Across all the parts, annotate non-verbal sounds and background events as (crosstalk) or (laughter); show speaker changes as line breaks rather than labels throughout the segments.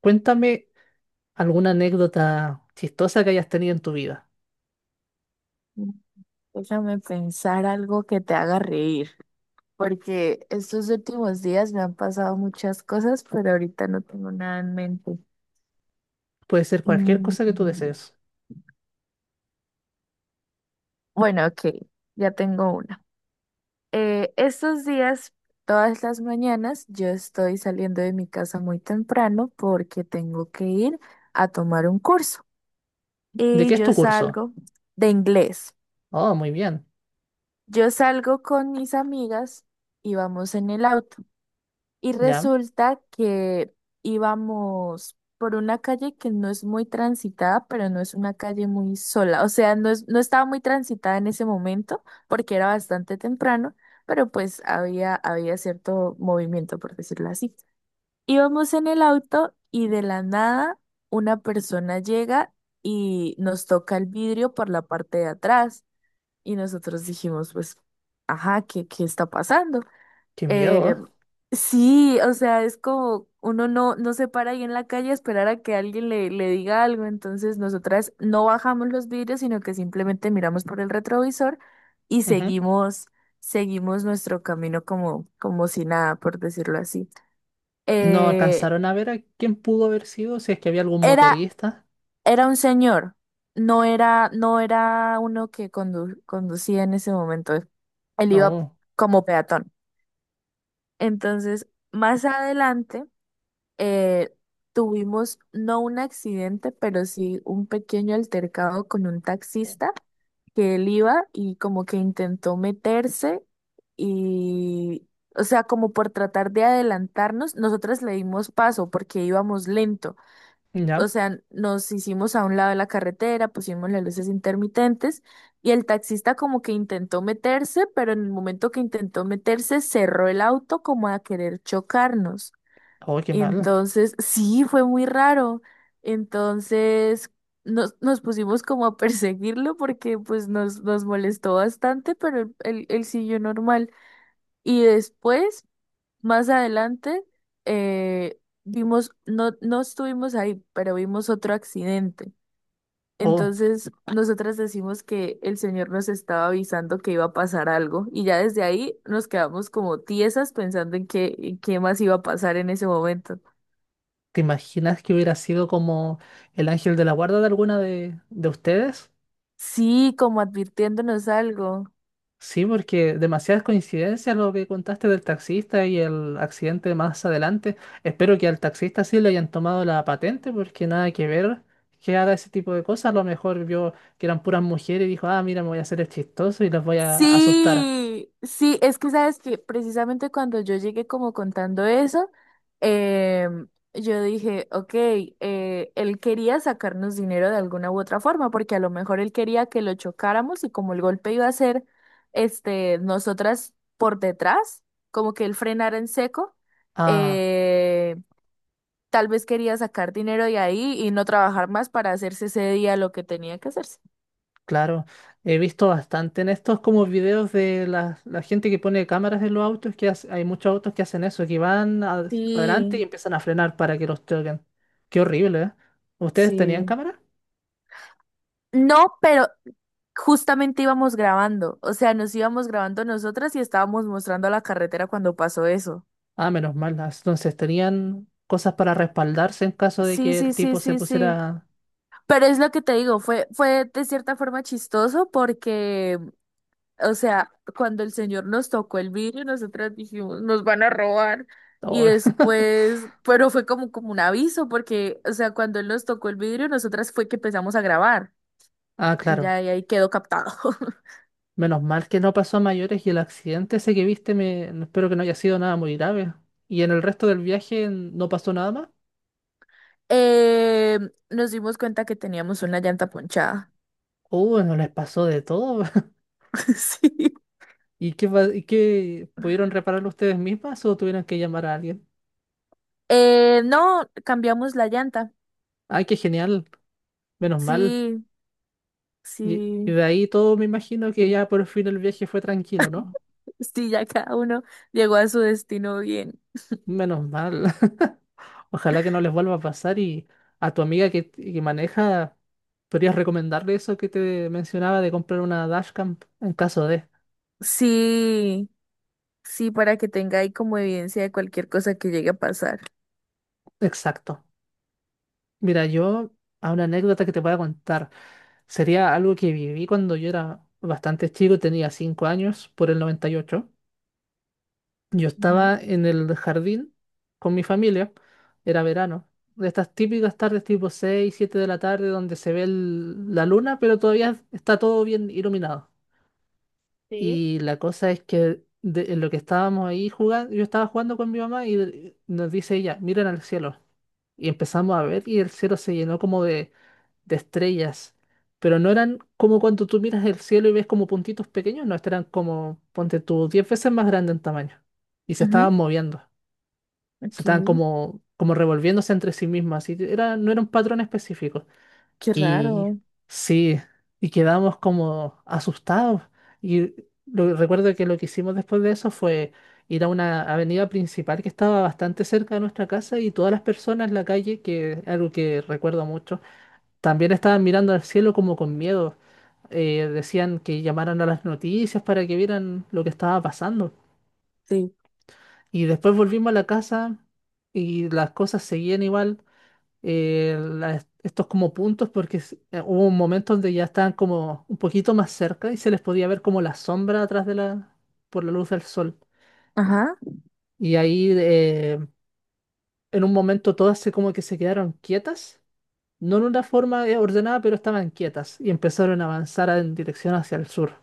Cuéntame alguna anécdota chistosa que hayas tenido en tu vida.
Mm, Déjame pensar algo que te haga reír, porque estos últimos días me han pasado muchas cosas, pero ahorita no tengo nada en mente.
Puede ser cualquier cosa que tú
Mm,
desees.
Bueno, ok, ya tengo una. Estos días, todas las mañanas, yo estoy saliendo de mi casa muy temprano porque tengo que ir a tomar un curso
¿De
y
qué es
yo
tu curso?
salgo de inglés.
Oh, muy bien.
Yo salgo con mis amigas y vamos en el auto. Y
Ya.
resulta que íbamos por una calle que no es muy transitada, pero no es una calle muy sola. O sea, no estaba muy transitada en ese momento porque era bastante temprano, pero pues había cierto movimiento, por decirlo así. Íbamos en el auto y de la nada una persona llega y nos toca el vidrio por la parte de atrás. Y nosotros dijimos, pues, ajá, ¿qué está pasando?
Qué miedo, ¿eh?
Eh, sí, o sea, es como uno no se para ahí en la calle a esperar a que alguien le diga algo, entonces nosotras no bajamos los vidrios, sino que simplemente miramos por el retrovisor y
Ujú.
seguimos nuestro camino como si nada, por decirlo así.
¿Y no
Eh,
alcanzaron a ver a quién pudo haber sido? Si es que había algún
era,
motorista.
era un señor, no era uno que conducía en ese momento, él iba
No.
como peatón. Entonces, más adelante, eh, tuvimos no un accidente, pero sí un pequeño altercado con un taxista que él iba y como que intentó meterse y, o sea, como por tratar de adelantarnos, nosotras le dimos paso porque íbamos lento. O
Ya.
sea, nos hicimos a un lado de la carretera, pusimos las luces intermitentes y el taxista como que intentó meterse, pero en el momento que intentó meterse cerró el auto como a querer chocarnos.
Oh, qué mal.
Entonces, sí, fue muy raro. Entonces, nos pusimos como a perseguirlo porque pues nos molestó bastante, pero él siguió normal. Y después, más adelante, eh, vimos, no estuvimos ahí, pero vimos otro accidente.
Oh,
Entonces, nosotras decimos que el señor nos estaba avisando que iba a pasar algo y ya desde ahí nos quedamos como tiesas pensando en qué más iba a pasar en ese momento.
¿te imaginas que hubiera sido como el ángel de la guarda de alguna de ustedes?
Sí, como advirtiéndonos algo.
Sí, porque demasiadas coincidencias lo que contaste del taxista y el accidente más adelante. Espero que al taxista sí le hayan tomado la patente, porque nada que ver que haga ese tipo de cosas. A lo mejor vio que eran puras mujeres y dijo, ah, mira, me voy a hacer el chistoso y las voy a asustar.
Sí, sí, es que sabes que precisamente cuando yo llegué como contando eso, em, yo dije, ok, él quería sacarnos dinero de alguna u otra forma, porque a lo mejor él quería que lo chocáramos y como el golpe iba a ser, este, nosotras por detrás, como que él frenara en seco,
Ah,
eh, tal vez quería sacar dinero de ahí y no trabajar más para hacerse ese día lo que tenía que hacerse.
claro. He visto bastante en estos como videos de la gente que pone cámaras en los autos, que hay muchos autos que hacen eso, que van adelante y
Sí,
empiezan a frenar para que los choquen. Qué horrible, ¿eh? ¿Ustedes tenían
sí.
cámaras?
No, pero justamente íbamos grabando, o sea, nos íbamos grabando nosotras y estábamos mostrando la carretera cuando pasó eso.
Ah, menos mal. Ah, entonces tenían cosas para respaldarse en caso de
Sí,
que
sí,
el
sí,
tipo se
sí, sí.
pusiera.
Pero es lo que te digo, fue de cierta forma chistoso porque, o sea, cuando el señor nos tocó el vidrio, nosotras dijimos, nos van a robar. Y
Oh. (laughs)
después, pero fue como, como un aviso porque, o sea, cuando él nos tocó el vidrio, nosotras fue que empezamos a grabar
Ah,
y
claro.
ya y ahí quedó captado. (laughs)
Menos mal que no pasó a mayores y el accidente ese que viste, no, espero que no haya sido nada muy grave. ¿Y en el resto del viaje no pasó nada más?
Eh, Nos dimos cuenta que teníamos una llanta ponchada.
No les pasó de todo. (laughs)
(laughs) Sí.
¿Y qué pudieron repararlo ustedes mismas o tuvieron que llamar a alguien?
No, cambiamos la llanta.
Ay, qué genial. Menos mal.
Sí,
Y
sí,
de ahí todo me imagino que ya por fin el viaje fue tranquilo, ¿no?
sí, ya cada uno llegó a su destino bien.
Menos mal. (laughs) Ojalá que no les vuelva a pasar y a tu amiga que maneja, ¿podrías recomendarle eso que te mencionaba de comprar una dashcam en caso de?
Sí, sí, para que tenga ahí como evidencia de cualquier cosa que llegue a pasar.
Exacto. Mira, yo a una anécdota que te voy a contar. Sería algo que viví cuando yo era bastante chico, tenía 5 años, por el 98. Yo
Ujú.
estaba en el jardín con mi familia, era verano. De estas típicas tardes tipo 6 7 de la tarde donde se ve la luna, pero todavía está todo bien iluminado.
Sí.
Y la cosa es que en lo que estábamos ahí jugando, yo estaba jugando con mi mamá y nos dice ella, miren al cielo. Y empezamos a ver y el cielo se llenó como de estrellas. Pero no eran como cuando tú miras el cielo y ves como puntitos pequeños, no, estos eran como, ponte tú, 10 veces más grande en tamaño. Y se estaban
Ujú,
moviendo, se
ok,
estaban como revolviéndose entre sí mismas. Así que no era un patrón específico.
qué
Y
raro.
sí, y quedamos como asustados. Y recuerdo que lo que hicimos después de eso fue ir a una avenida principal que estaba bastante cerca de nuestra casa, y todas las personas en la calle, que es algo que recuerdo mucho, también estaban mirando al cielo como con miedo. Decían que llamaran a las noticias para que vieran lo que estaba pasando.
Sí.
Y después volvimos a la casa y las cosas seguían igual, estos como puntos, porque hubo un momento donde ya estaban como un poquito más cerca y se les podía ver como la sombra atrás por la luz del sol.
Ajá.
Y ahí, en un momento todas se como que se quedaron quietas, no en una forma ordenada, pero estaban quietas y empezaron a avanzar en dirección hacia el sur.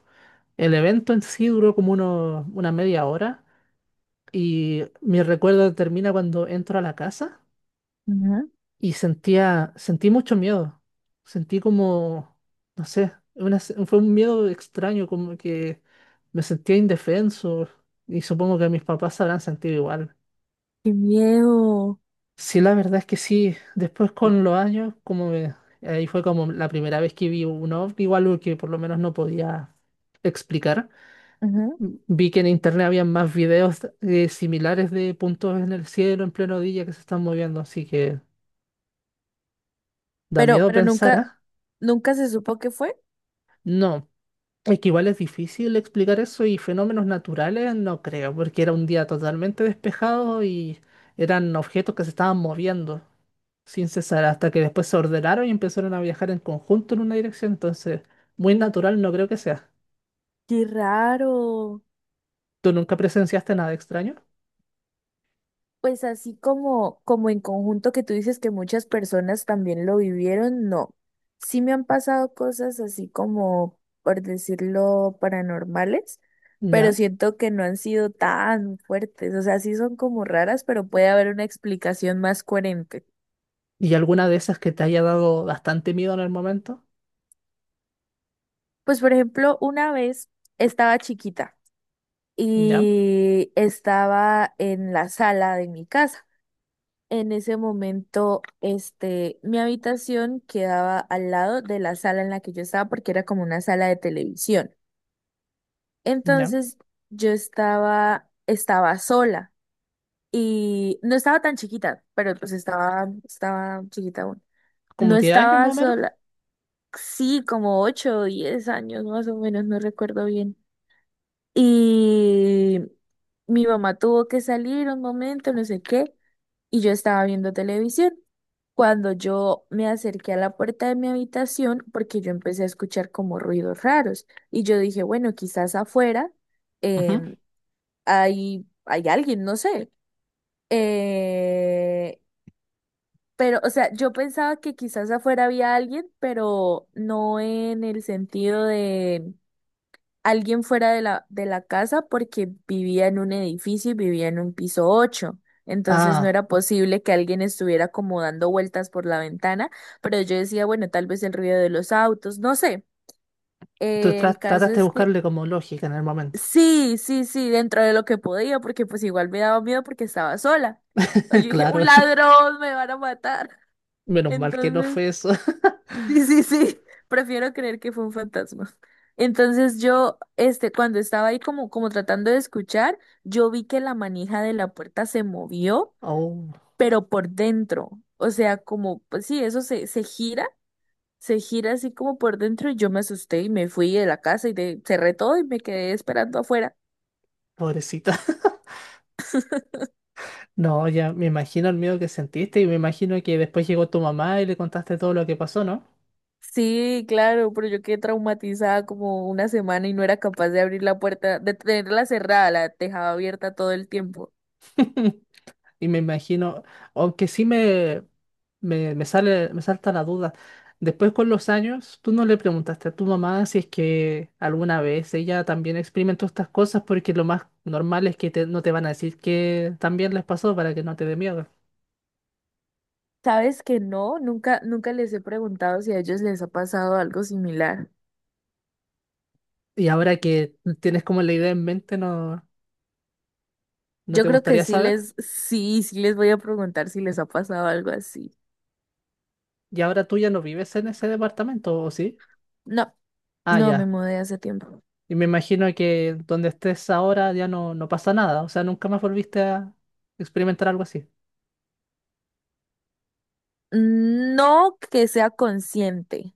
El evento en sí duró como una media hora, y mi recuerdo termina cuando entro a la casa
Ujú.
y sentí mucho miedo. Sentí como, no sé, fue un miedo extraño, como que me sentía indefenso, y supongo que mis papás se habrán sentido igual.
Qué miedo.
Sí, la verdad es que sí. Después con los años, ahí fue como la primera vez que vi un ovni, o algo que por lo menos no podía explicar.
Ujú.
Vi que en internet había más videos similares de puntos en el cielo en pleno día que se están moviendo, así que da
Pero,
miedo
pero
pensar,
nunca,
¿ah?
nunca se supo qué fue.
No, es que igual es difícil explicar eso, y fenómenos naturales no creo, porque era un día totalmente despejado y eran objetos que se estaban moviendo sin cesar hasta que después se ordenaron y empezaron a viajar en conjunto en una dirección, entonces muy natural no creo que sea.
Qué raro.
¿Tú nunca presenciaste nada extraño?
Pues así como en conjunto que tú dices que muchas personas también lo vivieron, no. Sí me han pasado cosas así como, por decirlo, paranormales, pero
¿Ya?
siento que no han sido tan fuertes. O sea, sí son como raras, pero puede haber una explicación más coherente.
¿Y alguna de esas que te haya dado bastante miedo en el momento?
Pues por ejemplo, una vez estaba chiquita
¿Ya?
y estaba en la sala de mi casa. En ese momento, este, mi habitación quedaba al lado de la sala en la que yo estaba porque era como una sala de televisión.
¿Ya?
Entonces, yo estaba sola y no estaba tan chiquita, pero pues estaba chiquita aún.
¿Como
No
10 años
estaba
más o menos?
sola, sí, como 8 o 10 años más o menos, no recuerdo bien. Y mi mamá tuvo que salir un momento, no sé qué, y yo estaba viendo televisión. Cuando yo me acerqué a la puerta de mi habitación, porque yo empecé a escuchar como ruidos raros, y yo dije, bueno, quizás afuera
Ujú.
em, hay alguien, no sé. Eh, pero, o sea, yo pensaba que quizás afuera había alguien, pero no en el sentido de alguien fuera de la casa porque vivía en un edificio y vivía en un piso 8. Entonces no
Ah,
era posible que alguien estuviera como dando vueltas por la ventana, pero yo decía, bueno, tal vez el ruido de los autos, no sé.
tú
El
tra-
caso
trataste de
es que
buscarle como lógica en el momento.
sí, sí, sí, dentro de lo que podía, porque pues igual me daba miedo porque estaba sola. O
(laughs)
yo dije,
Claro,
un ladrón, me van a matar. (laughs)
menos mal que no
Entonces
fue eso. (laughs)
sí, sí, sí. Prefiero creer que fue un fantasma. Entonces yo, este, cuando estaba ahí como tratando de escuchar, yo vi que la manija de la puerta se movió,
Oh,
pero por dentro. O sea, como, pues sí, eso se gira así como por dentro y yo me asusté y me fui de la casa y cerré todo y me quedé esperando afuera.
pobrecita. (laughs) No, ya me imagino el miedo que sentiste, y me imagino que después llegó tu mamá y le contaste todo lo que pasó, ¿no?
Sí, claro, pero yo quedé traumatizada como una semana y no era capaz de abrir la puerta, de tenerla cerrada, la dejaba abierta todo el tiempo.
Y me imagino, aunque sí me salta la duda. Después con los años, tú no le preguntaste a tu mamá si es que alguna vez ella también experimentó estas cosas, porque lo más normal es que no te van a decir que también les pasó para que no te dé miedo.
Sabes que no, nunca les he preguntado si a ellos les ha pasado algo similar.
Y ahora que tienes como la idea en mente, ¿no, no
Yo
te
creo que
gustaría
sí
saber?
les, sí, sí les voy a preguntar si les ha pasado algo así.
Y ahora tú ya no vives en ese departamento, ¿o sí?
No,
Ah,
no me
ya.
mudé hace tiempo.
Y me imagino que donde estés ahora ya no pasa nada. O sea, nunca más volviste a experimentar algo así.
No que sea consciente.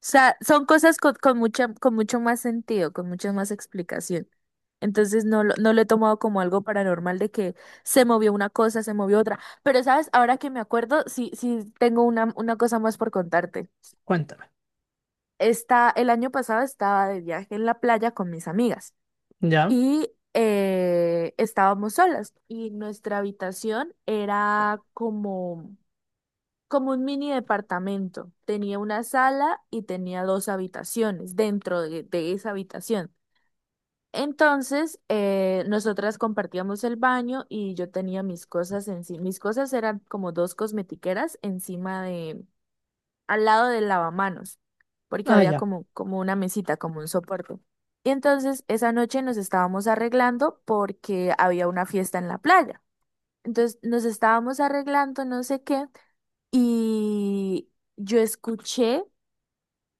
O sea, son cosas con mucho más sentido, con mucha más explicación. Entonces no lo he tomado como algo paranormal de que se movió una cosa, se movió otra. Pero sabes, ahora que me acuerdo, sí tengo una cosa más por contarte.
Cuéntame.
El año pasado estaba de viaje en la playa con mis amigas
¿Ya?
y estábamos solas y nuestra habitación era como un mini departamento. Tenía una sala y tenía dos habitaciones dentro de esa habitación. Entonces, nosotras compartíamos el baño y yo tenía mis cosas encima. Mis cosas eran como dos cosmetiqueras encima de al lado del lavamanos, porque
Ah,
había
ya.
como una mesita, como un soporte. Y entonces esa noche nos estábamos arreglando porque había una fiesta en la playa. Entonces nos estábamos arreglando, no sé qué, y yo escuché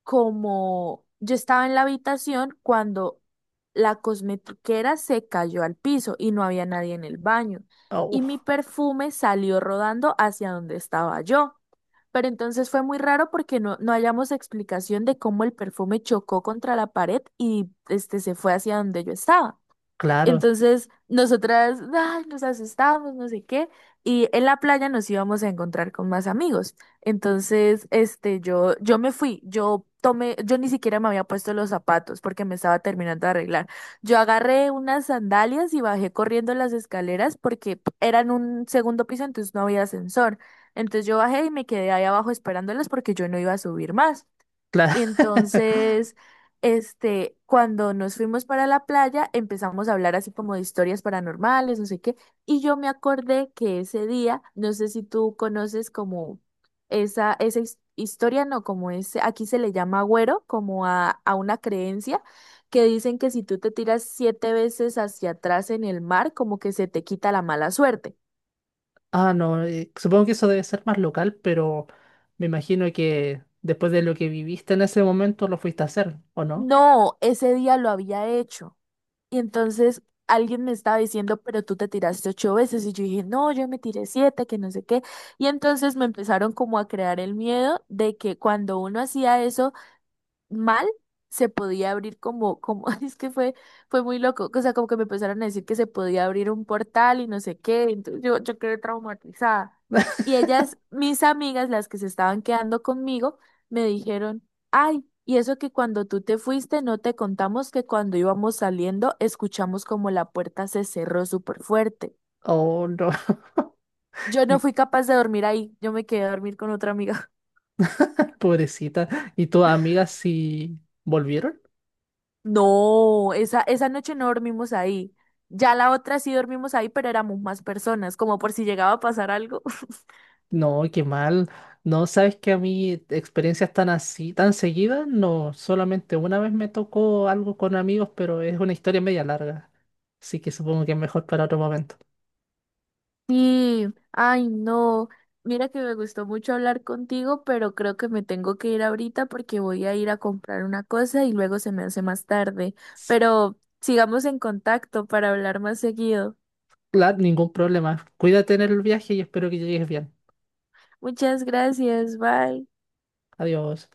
como yo estaba en la habitación cuando la cosmetiquera se cayó al piso y no había nadie en el baño.
Oh,
Y mi perfume salió rodando hacia donde estaba yo. Pero entonces fue muy raro porque no hallamos explicación de cómo el perfume chocó contra la pared y este se fue hacia donde yo estaba.
claro,
Entonces, nosotras, ay, nos asustamos, no sé qué, y en la playa nos íbamos a encontrar con más amigos. Entonces, este, yo me fui, yo ni siquiera me había puesto los zapatos porque me estaba terminando de arreglar. Yo agarré unas sandalias y bajé corriendo las escaleras porque eran un segundo piso, entonces no había ascensor. Entonces yo bajé y me quedé ahí abajo esperándolas porque yo no iba a subir más.
claro.
Y entonces
(laughs)
este, cuando nos fuimos para la playa, empezamos a hablar así como de historias paranormales, no sé qué, y yo me acordé que ese día, no sé si tú conoces como esa historia, no, como ese, aquí se le llama agüero, como a una creencia que dicen que si tú te tiras siete veces hacia atrás en el mar, como que se te quita la mala suerte.
Ah, no. Supongo que eso debe ser más local, pero me imagino que después de lo que viviste en ese momento lo fuiste a hacer, ¿o no?
No, ese día lo había hecho. Y entonces alguien me estaba diciendo, pero tú te tiraste ocho veces. Y yo dije, no, yo me tiré siete, que no sé qué. Y entonces me empezaron como a crear el miedo de que cuando uno hacía eso, mal se podía abrir como, (laughs) es que fue muy loco, o sea, como que me empezaron a decir que se podía abrir un portal y no sé qué, entonces yo quedé traumatizada. Y
(laughs)
ellas, mis amigas, las que se estaban quedando conmigo, me dijeron, ay, y eso que cuando tú te fuiste, no te contamos que cuando íbamos saliendo, escuchamos como la puerta se cerró súper fuerte.
Oh, no. (laughs)
Yo no
Y-
fui capaz de dormir ahí, yo me quedé a dormir con otra amiga.
Pobrecita. ¿Y tus amigas sí volvieron?
No, esa noche no dormimos ahí. Ya la otra sí dormimos ahí, pero éramos más personas, como por si llegaba a pasar algo. (laughs)
No, qué mal. No, sabes que a mí experiencias tan así, tan seguidas, no, solamente una vez me tocó algo con amigos, pero es una historia media larga. Así que supongo que es mejor para otro momento.
Sí, ay, no. Mira que me gustó mucho hablar contigo, pero creo que me tengo que ir ahorita porque voy a ir a comprar una cosa y luego se me hace más tarde. Pero sigamos en contacto para hablar más seguido.
Claro, ningún problema. Cuídate en el viaje y espero que llegues bien.
Muchas gracias, bye.
Adiós.